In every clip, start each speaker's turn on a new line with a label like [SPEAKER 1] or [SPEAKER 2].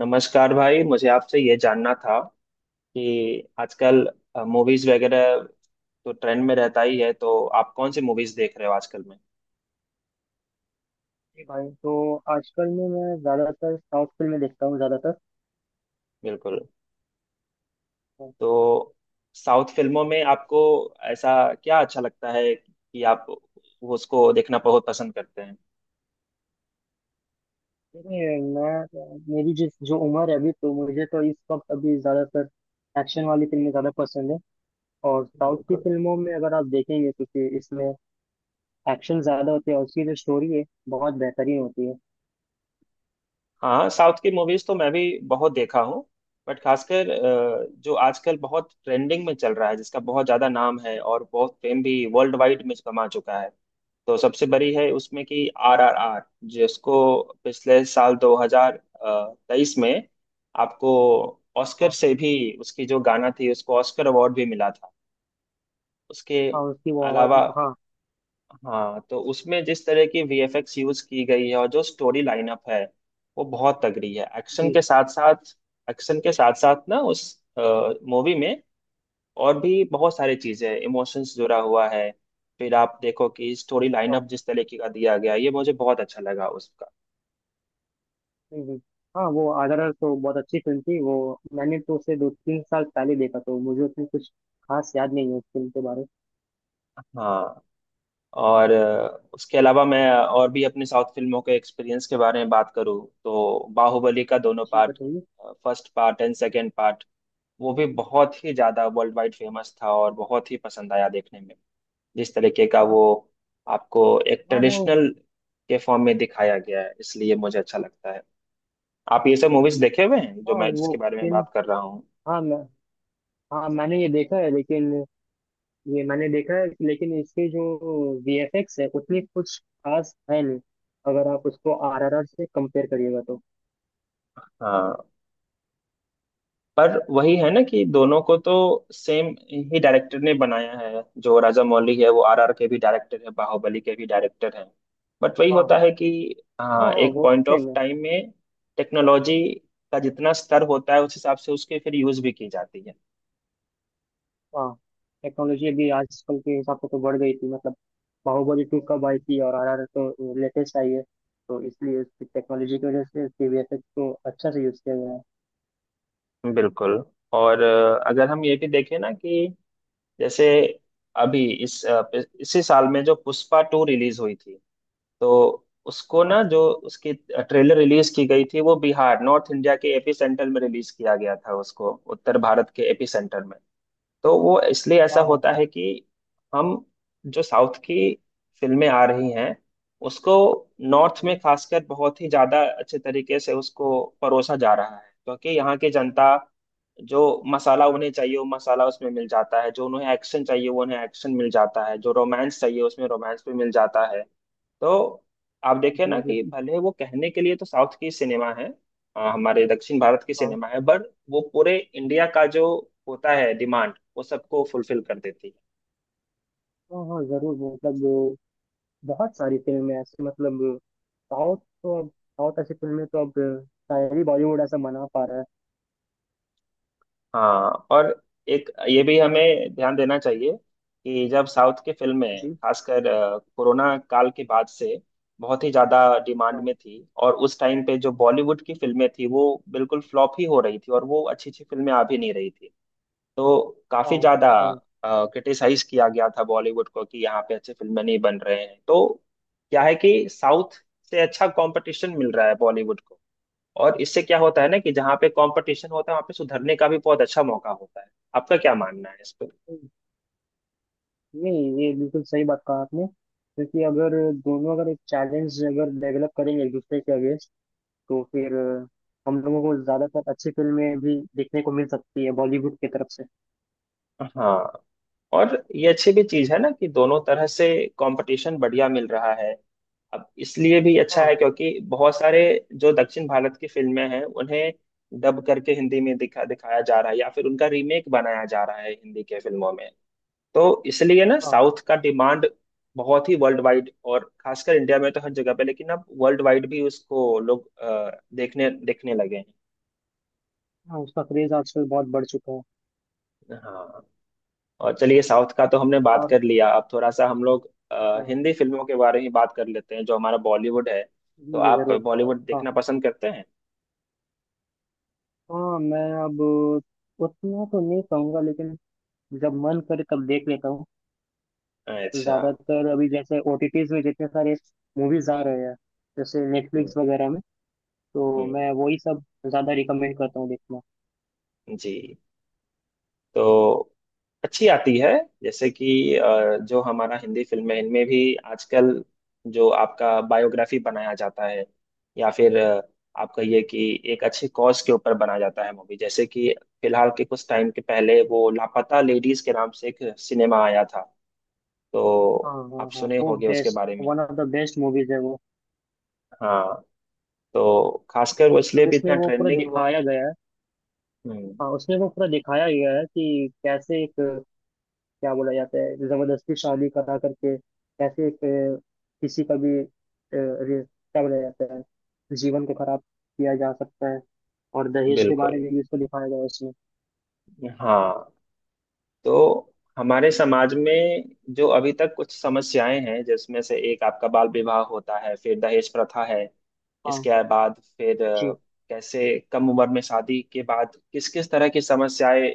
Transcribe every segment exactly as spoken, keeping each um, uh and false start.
[SPEAKER 1] नमस्कार भाई, मुझे आपसे ये जानना था कि आजकल मूवीज वगैरह तो ट्रेंड में रहता ही है, तो आप कौन सी मूवीज देख रहे हो आजकल में?
[SPEAKER 2] जी भाई। तो आजकल में मैं ज़्यादातर साउथ फिल्में देखता हूँ ज़्यादातर
[SPEAKER 1] बिल्कुल।
[SPEAKER 2] तो।
[SPEAKER 1] तो साउथ फिल्मों में आपको ऐसा क्या अच्छा लगता है कि आप उसको देखना बहुत पसंद करते हैं?
[SPEAKER 2] ये मैं मेरी जिस जो उम्र है अभी तो मुझे तो इस वक्त अभी ज़्यादातर एक्शन वाली फिल्में ज़्यादा पसंद है। और साउथ की
[SPEAKER 1] बिल्कुल।
[SPEAKER 2] फिल्मों में अगर आप देखेंगे, क्योंकि इसमें एक्शन ज़्यादा होते हैं और उसकी जो स्टोरी है बहुत बेहतरीन होती है।
[SPEAKER 1] हाँ, साउथ की मूवीज तो मैं भी बहुत देखा हूँ। बट खासकर अ, जो आजकल बहुत ट्रेंडिंग में चल रहा है, जिसका बहुत ज्यादा नाम है और बहुत फेम भी वर्ल्ड वाइड में कमा चुका है, तो सबसे बड़ी है उसमें कि आरआरआर, जिसको पिछले साल दो हज़ार तेईस में आपको ऑस्कर
[SPEAKER 2] हाँ,
[SPEAKER 1] से भी उसकी जो गाना थी उसको ऑस्कर अवार्ड भी मिला था उसके
[SPEAKER 2] हाँ, उसकी वो आवाज़।
[SPEAKER 1] अलावा।
[SPEAKER 2] हाँ
[SPEAKER 1] हाँ, तो उसमें जिस तरह की वीएफएक्स यूज की गई है और जो स्टोरी लाइनअप है वो बहुत तगड़ी है एक्शन
[SPEAKER 2] जी।
[SPEAKER 1] के साथ साथ। एक्शन के साथ साथ ना उस मूवी में और भी बहुत सारी चीजें इमोशंस जुड़ा हुआ है। फिर आप देखो कि स्टोरी लाइनअप
[SPEAKER 2] हाँ,
[SPEAKER 1] जिस तरीके का दिया गया ये मुझे बहुत अच्छा लगा उसका।
[SPEAKER 2] जी जी। हाँ, वो आदरर तो बहुत अच्छी फिल्म थी वो। मैंने तो उसे दो तीन साल पहले देखा, तो मुझे उतनी कुछ खास याद नहीं है उस फिल्म के बारे में।
[SPEAKER 1] हाँ, और अ, उसके अलावा मैं और भी अपनी साउथ फिल्मों के एक्सपीरियंस के बारे में बात करूँ तो बाहुबली का दोनों
[SPEAKER 2] जी,
[SPEAKER 1] पार्ट,
[SPEAKER 2] बताइए।
[SPEAKER 1] First part and second part, वो भी बहुत ही ज्यादा वर्ल्ड वाइड फेमस था और बहुत ही पसंद आया देखने में। जिस तरीके का वो आपको एक
[SPEAKER 2] हाँ, वो।
[SPEAKER 1] ट्रेडिशनल के फॉर्म में दिखाया गया है इसलिए मुझे अच्छा लगता है। आप ये सब मूवीज देखे हुए हैं जो
[SPEAKER 2] हाँ,
[SPEAKER 1] मैं
[SPEAKER 2] वो
[SPEAKER 1] जिसके बारे में
[SPEAKER 2] फिल्म।
[SPEAKER 1] बात कर रहा हूँ।
[SPEAKER 2] हाँ, मैं। हाँ, मैंने ये देखा है लेकिन ये मैंने देखा है लेकिन इसके जो वीएफएक्स है उतनी कुछ खास है नहीं। अगर आप उसको आरआरआर से कंपेयर करिएगा तो।
[SPEAKER 1] हाँ, पर वही है ना कि दोनों को तो सेम ही डायरेक्टर ने बनाया है, जो राजा मौली है वो आरआर के भी डायरेक्टर है, बाहुबली के भी डायरेक्टर है। बट वही
[SPEAKER 2] हाँ,
[SPEAKER 1] होता है कि
[SPEAKER 2] हाँ,
[SPEAKER 1] हाँ
[SPEAKER 2] हाँ,
[SPEAKER 1] एक
[SPEAKER 2] वो तो
[SPEAKER 1] पॉइंट ऑफ
[SPEAKER 2] सेम है।
[SPEAKER 1] टाइम में टेक्नोलॉजी का जितना स्तर होता है उस हिसाब से उसके फिर यूज भी की जाती है।
[SPEAKER 2] हाँ, टेक्नोलॉजी अभी आजकल के हिसाब से तो बढ़ गई थी मतलब। बाहुबली टू कब आई थी और आरआरआर तो लेटेस्ट आई है, तो इसलिए उसकी टेक्नोलॉजी की वजह से उसके वीएफएक्स को अच्छा से यूज किया गया है।
[SPEAKER 1] बिल्कुल। और अ, अगर हम ये भी देखें ना कि जैसे अभी इस अ, इसी साल में जो पुष्पा टू रिलीज हुई थी, तो उसको
[SPEAKER 2] हाँ,
[SPEAKER 1] ना जो उसकी ट्रेलर रिलीज की गई थी वो बिहार, नॉर्थ इंडिया के एपी सेंटर में रिलीज किया गया था उसको, उत्तर भारत के एपी सेंटर में। तो वो इसलिए ऐसा
[SPEAKER 2] हाँ, हाँ,
[SPEAKER 1] होता है कि हम जो साउथ की फिल्में आ रही हैं उसको नॉर्थ में
[SPEAKER 2] हम्म,
[SPEAKER 1] खासकर बहुत ही ज्यादा अच्छे तरीके से उसको परोसा जा रहा है, क्योंकि यहाँ की जनता, जो मसाला उन्हें चाहिए वो मसाला उसमें मिल जाता है, जो उन्हें एक्शन चाहिए वो उन्हें एक्शन मिल जाता है, जो रोमांस चाहिए उसमें रोमांस भी मिल जाता है। तो आप देखिए
[SPEAKER 2] जी
[SPEAKER 1] ना
[SPEAKER 2] जी।
[SPEAKER 1] कि भले वो कहने के लिए तो साउथ की सिनेमा है, अ, हमारे दक्षिण भारत की
[SPEAKER 2] हाँ,
[SPEAKER 1] सिनेमा है, बट वो पूरे इंडिया का जो होता है डिमांड वो सबको फुलफिल कर देती है।
[SPEAKER 2] हाँ, हाँ, जरूर। मतलब बहुत सारी फिल्में ऐसी मतलब। साउथ तो अब साउथ ऐसी फिल्में तो अब शायद ही बॉलीवुड ऐसा बना पा रहा है।
[SPEAKER 1] हाँ, और एक ये भी हमें ध्यान देना चाहिए कि जब साउथ की फिल्में
[SPEAKER 2] जी।
[SPEAKER 1] खासकर अ, कोरोना काल के बाद से बहुत ही ज्यादा डिमांड
[SPEAKER 2] हाँ,
[SPEAKER 1] में थी, और उस टाइम पे जो बॉलीवुड की फिल्में थी वो बिल्कुल फ्लॉप ही हो रही थी और वो अच्छी अच्छी फिल्में आ भी नहीं रही थी। तो
[SPEAKER 2] हाँ,
[SPEAKER 1] काफी ज्यादा
[SPEAKER 2] हाँ।
[SPEAKER 1] क्रिटिसाइज किया गया था बॉलीवुड को कि यहाँ पे अच्छी फिल्में नहीं बन रहे हैं। तो क्या है कि साउथ से अच्छा कंपटीशन मिल रहा है बॉलीवुड को, और इससे क्या होता है ना कि जहाँ पे कंपटीशन होता है वहाँ पे सुधरने का भी बहुत अच्छा मौका होता है। आपका क्या मानना है इस पे?
[SPEAKER 2] नहीं, ये बिल्कुल सही बात कहा आपने। क्योंकि अगर दोनों अगर एक चैलेंज अगर डेवलप करेंगे एक दूसरे के अगेंस्ट, तो फिर अ, हम लोगों को ज्यादातर अच्छी फिल्में भी देखने को मिल सकती है बॉलीवुड की तरफ से।
[SPEAKER 1] हाँ, और ये अच्छी भी चीज है ना कि दोनों तरह से कंपटीशन बढ़िया मिल रहा है। अब इसलिए भी अच्छा
[SPEAKER 2] हाँ,
[SPEAKER 1] है क्योंकि बहुत सारे जो दक्षिण भारत की फिल्में हैं उन्हें डब करके हिंदी में दिखा दिखाया जा रहा है, या फिर उनका रीमेक बनाया जा रहा है हिंदी के फिल्मों में। तो इसलिए ना
[SPEAKER 2] हाँ,
[SPEAKER 1] साउथ का डिमांड बहुत ही वर्ल्ड वाइड और खासकर इंडिया में तो हर जगह पे, लेकिन अब वर्ल्ड वाइड भी उसको लोग अ, देखने देखने लगे हैं।
[SPEAKER 2] हाँ, उसका क्रेज आजकल बहुत बढ़ चुका है।
[SPEAKER 1] हाँ, और चलिए साउथ का तो हमने बात
[SPEAKER 2] और
[SPEAKER 1] कर लिया, अब थोड़ा सा हम लोग अ,
[SPEAKER 2] हाँ,
[SPEAKER 1] हिंदी फिल्मों के बारे में बात कर लेते हैं जो हमारा बॉलीवुड है। तो
[SPEAKER 2] जी जी,
[SPEAKER 1] आप
[SPEAKER 2] जरूर।
[SPEAKER 1] बॉलीवुड
[SPEAKER 2] हाँ,
[SPEAKER 1] देखना पसंद करते हैं?
[SPEAKER 2] हाँ, मैं अब उतना तो नहीं कहूँगा लेकिन जब मन करे तब देख लेता हूँ।
[SPEAKER 1] अच्छा।
[SPEAKER 2] ज्यादातर अभी जैसे ओटीटीज में जितने सारे मूवीज आ रहे हैं, जैसे
[SPEAKER 1] हम्म।
[SPEAKER 2] नेटफ्लिक्स वगैरह में, तो
[SPEAKER 1] हम्म।
[SPEAKER 2] मैं वही सब ज्यादा रिकमेंड करता हूँ देखना।
[SPEAKER 1] जी। तो अच्छी आती है, जैसे कि अ, जो हमारा हिंदी फिल्म है इनमें भी आजकल जो आपका बायोग्राफी बनाया जाता है या फिर अ, आपका ये कि एक अच्छी कॉज के ऊपर बना जाता है मूवी, जैसे कि फिलहाल के कुछ टाइम के पहले वो लापता लेडीज के नाम से एक सिनेमा आया था,
[SPEAKER 2] हाँ,
[SPEAKER 1] तो
[SPEAKER 2] हाँ,
[SPEAKER 1] आप
[SPEAKER 2] हाँ,
[SPEAKER 1] सुने
[SPEAKER 2] वो
[SPEAKER 1] होंगे उसके
[SPEAKER 2] बेस्ट
[SPEAKER 1] बारे में।
[SPEAKER 2] One of the best movies है वो।
[SPEAKER 1] हाँ, तो खासकर वो इसलिए
[SPEAKER 2] मतलब
[SPEAKER 1] भी
[SPEAKER 2] उसमें
[SPEAKER 1] इतना
[SPEAKER 2] वो पूरा
[SPEAKER 1] ट्रेंडिंग हुआ
[SPEAKER 2] दिखाया
[SPEAKER 1] ना।
[SPEAKER 2] गया है।
[SPEAKER 1] हम्म।
[SPEAKER 2] हाँ, उसमें वो पूरा दिखाया गया है कि कैसे एक क्या बोला जाता है, जबरदस्ती शादी करा करके कैसे एक, अ, किसी का भी अ, रे- क्या बोला जाता है, जीवन को खराब किया जा सकता है। और दहेज के बारे
[SPEAKER 1] बिल्कुल।
[SPEAKER 2] में भी इसको दिखाया गया है इसमें।
[SPEAKER 1] हाँ, तो हमारे समाज में जो अभी तक कुछ समस्याएं हैं जिसमें से एक आपका बाल विवाह होता है, फिर दहेज प्रथा है।
[SPEAKER 2] हाँ,
[SPEAKER 1] इसके बाद फिर अ,
[SPEAKER 2] जी
[SPEAKER 1] कैसे कम उम्र में शादी के बाद किस किस तरह की समस्याएं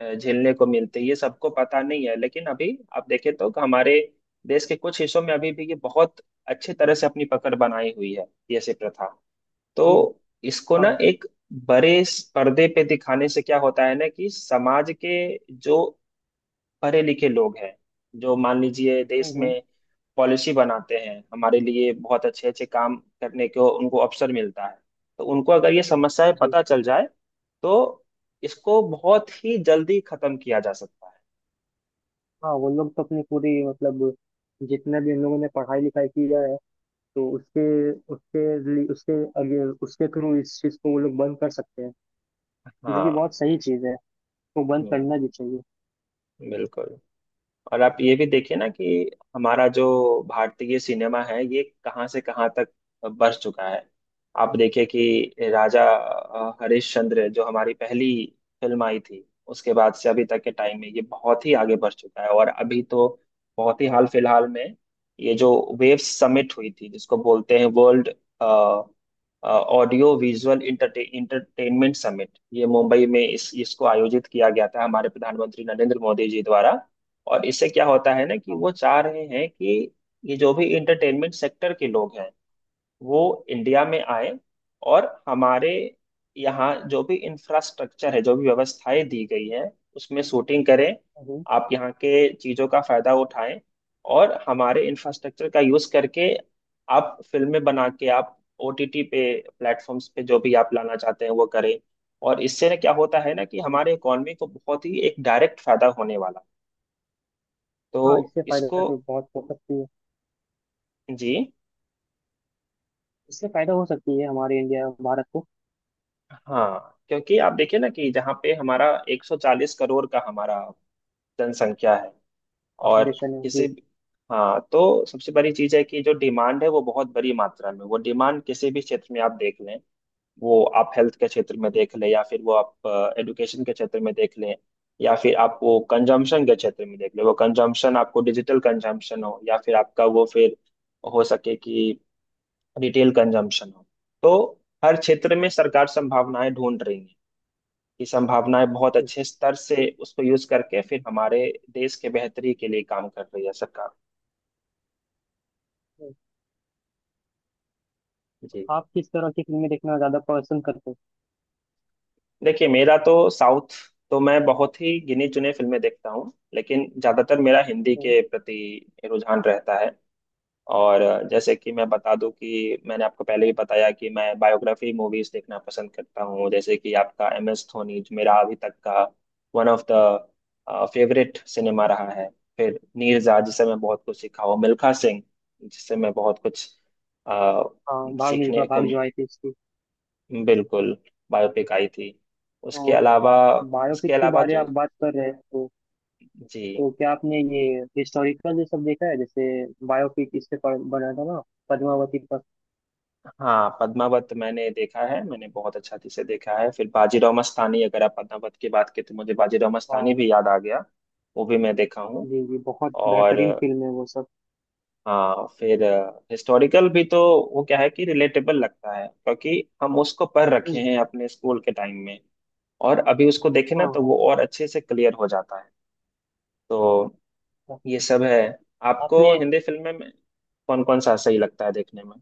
[SPEAKER 1] अ, झेलने को मिलती है ये सबको पता नहीं है, लेकिन अभी आप देखें तो हमारे देश के कुछ हिस्सों में अभी भी ये बहुत अच्छे तरह से अपनी पकड़ बनाई हुई है, ये ऐसी प्रथा। तो
[SPEAKER 2] जी,
[SPEAKER 1] इसको
[SPEAKER 2] हाँ,
[SPEAKER 1] ना एक बड़े स- पर्दे पे दिखाने से क्या होता है ना कि समाज के जो पढ़े लिखे लोग हैं, जो मान लीजिए
[SPEAKER 2] हम्म,
[SPEAKER 1] देश
[SPEAKER 2] हम्म,
[SPEAKER 1] में पॉलिसी बनाते हैं हमारे लिए, बहुत अच्छे अच्छे काम करने को उनको अवसर मिलता है। तो उनको अगर ये समस्याएं
[SPEAKER 2] जी।
[SPEAKER 1] पता चल जाए तो इसको बहुत ही जल्दी खत्म किया जा सकता है।
[SPEAKER 2] हाँ, वो लोग तो अपनी पूरी मतलब, जितने भी उन लोगों ने पढ़ाई लिखाई की है तो उसके उसके लिए उसके आगे उसके थ्रू इस चीज़ को वो लोग बंद कर सकते हैं। जो कि
[SPEAKER 1] हाँ।
[SPEAKER 2] बहुत सही चीज़ है, वो बंद
[SPEAKER 1] हम्म।
[SPEAKER 2] करना भी चाहिए।
[SPEAKER 1] बिल्कुल। और आप ये भी देखिए ना कि हमारा जो भारतीय सिनेमा है ये कहाँ से कहाँ तक बढ़ चुका है। आप देखिए कि राजा अ, हरिश्चंद्र जो हमारी पहली फिल्म आई थी, उसके बाद से अभी तक के टाइम में ये बहुत ही आगे बढ़ चुका है, और अभी तो बहुत ही
[SPEAKER 2] हाँ,
[SPEAKER 1] हाल फिलहाल में ये जो वेव समिट हुई थी जिसको बोलते हैं world audio visual entertainment summit, ये मुंबई में इस इसको आयोजित किया गया था हमारे प्रधानमंत्री नरेंद्र मोदी जी द्वारा। और इससे क्या होता है ना कि
[SPEAKER 2] हाँ,
[SPEAKER 1] वो चाह रहे हैं कि ये जो भी इंटरटेनमेंट सेक्टर के लोग हैं वो इंडिया में आए, और हमारे यहाँ जो भी इंफ्रास्ट्रक्चर है, जो भी व्यवस्थाएं दी गई हैं उसमें शूटिंग करें,
[SPEAKER 2] हम्म,
[SPEAKER 1] आप यहाँ के चीज़ों का फायदा उठाएं और हमारे इंफ्रास्ट्रक्चर का यूज़ करके आप फिल्में बना के आप ओटीटी पे प्लेटफॉर्म्स पे जो भी आप लाना चाहते हैं वो करें। और इससे ना क्या होता है ना कि
[SPEAKER 2] हम्म।
[SPEAKER 1] हमारे इकोनॉमी को बहुत ही एक डायरेक्ट फायदा होने वाला है।
[SPEAKER 2] हाँ,
[SPEAKER 1] तो
[SPEAKER 2] इससे
[SPEAKER 1] इसको।
[SPEAKER 2] फायदा तो बहुत हो सकती है।
[SPEAKER 1] जी।
[SPEAKER 2] इससे फायदा हो सकती है हमारे इंडिया भारत को।
[SPEAKER 1] हाँ, क्योंकि आप देखिए ना कि जहाँ पे हमारा एक सौ चालीस करोड़ का हमारा जनसंख्या है और
[SPEAKER 2] पॉपुलेशन में
[SPEAKER 1] किसी,
[SPEAKER 2] जी,
[SPEAKER 1] हाँ, तो सबसे बड़ी चीज़ है कि जो डिमांड है वो बहुत बड़ी मात्रा में, वो डिमांड किसी भी क्षेत्र में आप देख लें। वो आप हेल्थ के क्षेत्र में देख लें, या फिर वो आप एजुकेशन के क्षेत्र में देख लें, या फिर आप वो कंजम्पशन के क्षेत्र में देख लें। वो कंजम्पशन आपको डिजिटल कंजम्पशन हो या फिर आपका वो फिर हो सके कि रिटेल कंजम्पशन हो। तो हर क्षेत्र में सरकार संभावनाएं ढूंढ रही है, ये संभावनाएं बहुत
[SPEAKER 2] जी।
[SPEAKER 1] अच्छे स्तर से उसको यूज करके फिर हमारे देश के बेहतरी के लिए काम कर रही है सरकार। जी।
[SPEAKER 2] आप किस तरह की फिल्में देखना ज्यादा पसंद करते
[SPEAKER 1] देखिए मेरा तो साउथ तो मैं बहुत ही गिने चुने फिल्में देखता हूँ, लेकिन ज्यादातर मेरा हिंदी
[SPEAKER 2] हो?
[SPEAKER 1] के प्रति रुझान रहता है। और जैसे कि मैं बता दूं, कि मैंने आपको पहले भी बताया कि मैं बायोग्राफी मूवीज देखना पसंद करता हूँ, जैसे कि आपका एम एस धोनी, जो मेरा अभी तक का one of the favourite cinema रहा है। फिर नीरजा, जिससे मैं बहुत कुछ सीखा हूँ, मिल्खा सिंह, जिससे मैं बहुत कुछ अ,
[SPEAKER 2] हाँ, भाग मिल्खा
[SPEAKER 1] सीखने को।
[SPEAKER 2] भाग जो आई थी इसकी,
[SPEAKER 1] बिल्कुल, बायोपिक आई थी। उसके
[SPEAKER 2] तो
[SPEAKER 1] अलावा उसके
[SPEAKER 2] बायोपिक के
[SPEAKER 1] अलावा
[SPEAKER 2] बारे में
[SPEAKER 1] जो,
[SPEAKER 2] आप बात कर रहे हैं, तो
[SPEAKER 1] जी।
[SPEAKER 2] तो क्या आपने ये हिस्टोरिकल ये सब देखा है? जैसे बायोपिक इस पे पर- बना था ना, पद्मावती पर।
[SPEAKER 1] हाँ, पद्मावत मैंने देखा है, मैंने बहुत अच्छा से देखा है। फिर बाजीराव मस्तानी, अगर आप पद्मावत की बात की तो मुझे बाजीराव मस्तानी
[SPEAKER 2] हाँ
[SPEAKER 1] भी याद आ गया, वो भी मैं देखा हूँ।
[SPEAKER 2] जी, जी बहुत
[SPEAKER 1] और
[SPEAKER 2] बेहतरीन फिल्म है वो सब।
[SPEAKER 1] हाँ, फिर हिस्टोरिकल भी तो, वो क्या है कि रिलेटेबल लगता है क्योंकि हम उसको पढ़ रखे
[SPEAKER 2] हम्म,
[SPEAKER 1] हैं अपने स्कूल के टाइम में, और अभी उसको देखे ना
[SPEAKER 2] हाँ,
[SPEAKER 1] तो
[SPEAKER 2] हाँ,
[SPEAKER 1] वो और अच्छे से क्लियर हो जाता है। तो
[SPEAKER 2] हाँ।
[SPEAKER 1] ये सब है। आपको
[SPEAKER 2] आपने
[SPEAKER 1] हिंदी फिल्में में कौन कौन सा सही लगता है देखने में?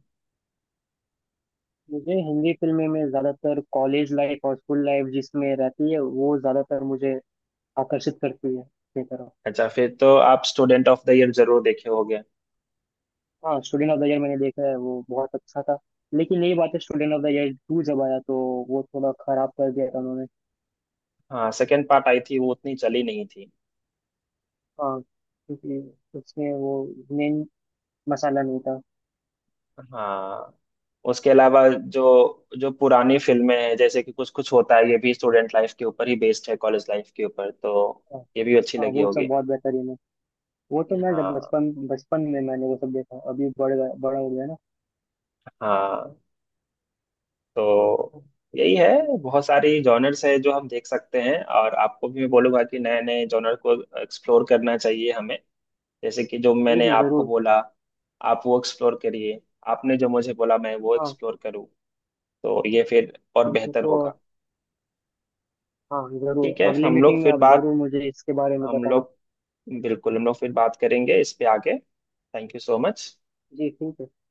[SPEAKER 2] मुझे हिंदी फिल्में में ज्यादातर कॉलेज लाइफ और स्कूल लाइफ जिसमें रहती है वो ज्यादातर मुझे आकर्षित करती है अपनी तरफ।
[SPEAKER 1] अच्छा, फिर तो आप स्टूडेंट ऑफ द ईयर जरूर देखे होंगे।
[SPEAKER 2] हाँ, स्टूडेंट ऑफ द ईयर मैंने देखा है, वो बहुत अच्छा था। लेकिन यही बात है, student of the year two जब आया तो वो थोड़ा खराब कर दिया था उन्होंने।
[SPEAKER 1] हाँ, सेकंड पार्ट आई थी वो उतनी चली नहीं थी।
[SPEAKER 2] हाँ, क्योंकि उसमें वो मेन मसाला नहीं था।
[SPEAKER 1] हाँ, उसके अलावा जो, जो पुरानी फिल्में हैं जैसे कि कुछ कुछ होता है, ये भी स्टूडेंट लाइफ के ऊपर ही बेस्ड है, कॉलेज लाइफ के ऊपर, तो
[SPEAKER 2] हाँ,
[SPEAKER 1] ये भी अच्छी
[SPEAKER 2] हाँ,
[SPEAKER 1] लगी
[SPEAKER 2] वो
[SPEAKER 1] होगी।
[SPEAKER 2] सब बहुत बेहतरीन है। वो तो मैं जब
[SPEAKER 1] हाँ,
[SPEAKER 2] बचपन बचपन में मैंने वो सब देखा, अभी बड़ गया बड़ा हो गया ना।
[SPEAKER 1] हाँ, तो यही है, बहुत सारी जॉनर्स है जो हम देख सकते हैं, और आपको भी मैं बोलूंगा कि नए नए जॉनर को एक्सप्लोर करना चाहिए हमें। जैसे कि जो
[SPEAKER 2] जी,
[SPEAKER 1] मैंने
[SPEAKER 2] जी,
[SPEAKER 1] आपको
[SPEAKER 2] जरूर,
[SPEAKER 1] बोला आप वो एक्सप्लोर करिए, आपने जो मुझे बोला मैं वो
[SPEAKER 2] हाँ।
[SPEAKER 1] एक्सप्लोर करूँ, तो ये फिर और
[SPEAKER 2] ठीक है,
[SPEAKER 1] बेहतर
[SPEAKER 2] तो
[SPEAKER 1] होगा।
[SPEAKER 2] हाँ,
[SPEAKER 1] ठीक
[SPEAKER 2] जरूर
[SPEAKER 1] है,
[SPEAKER 2] अगली
[SPEAKER 1] हम लोग
[SPEAKER 2] मीटिंग में
[SPEAKER 1] फिर
[SPEAKER 2] आप
[SPEAKER 1] बात
[SPEAKER 2] जरूर मुझे इसके बारे में
[SPEAKER 1] हम
[SPEAKER 2] बताना।
[SPEAKER 1] लोग बिल्कुल हम लोग फिर बात करेंगे इस पे आगे। Thank you so much.
[SPEAKER 2] जी, ठीक है।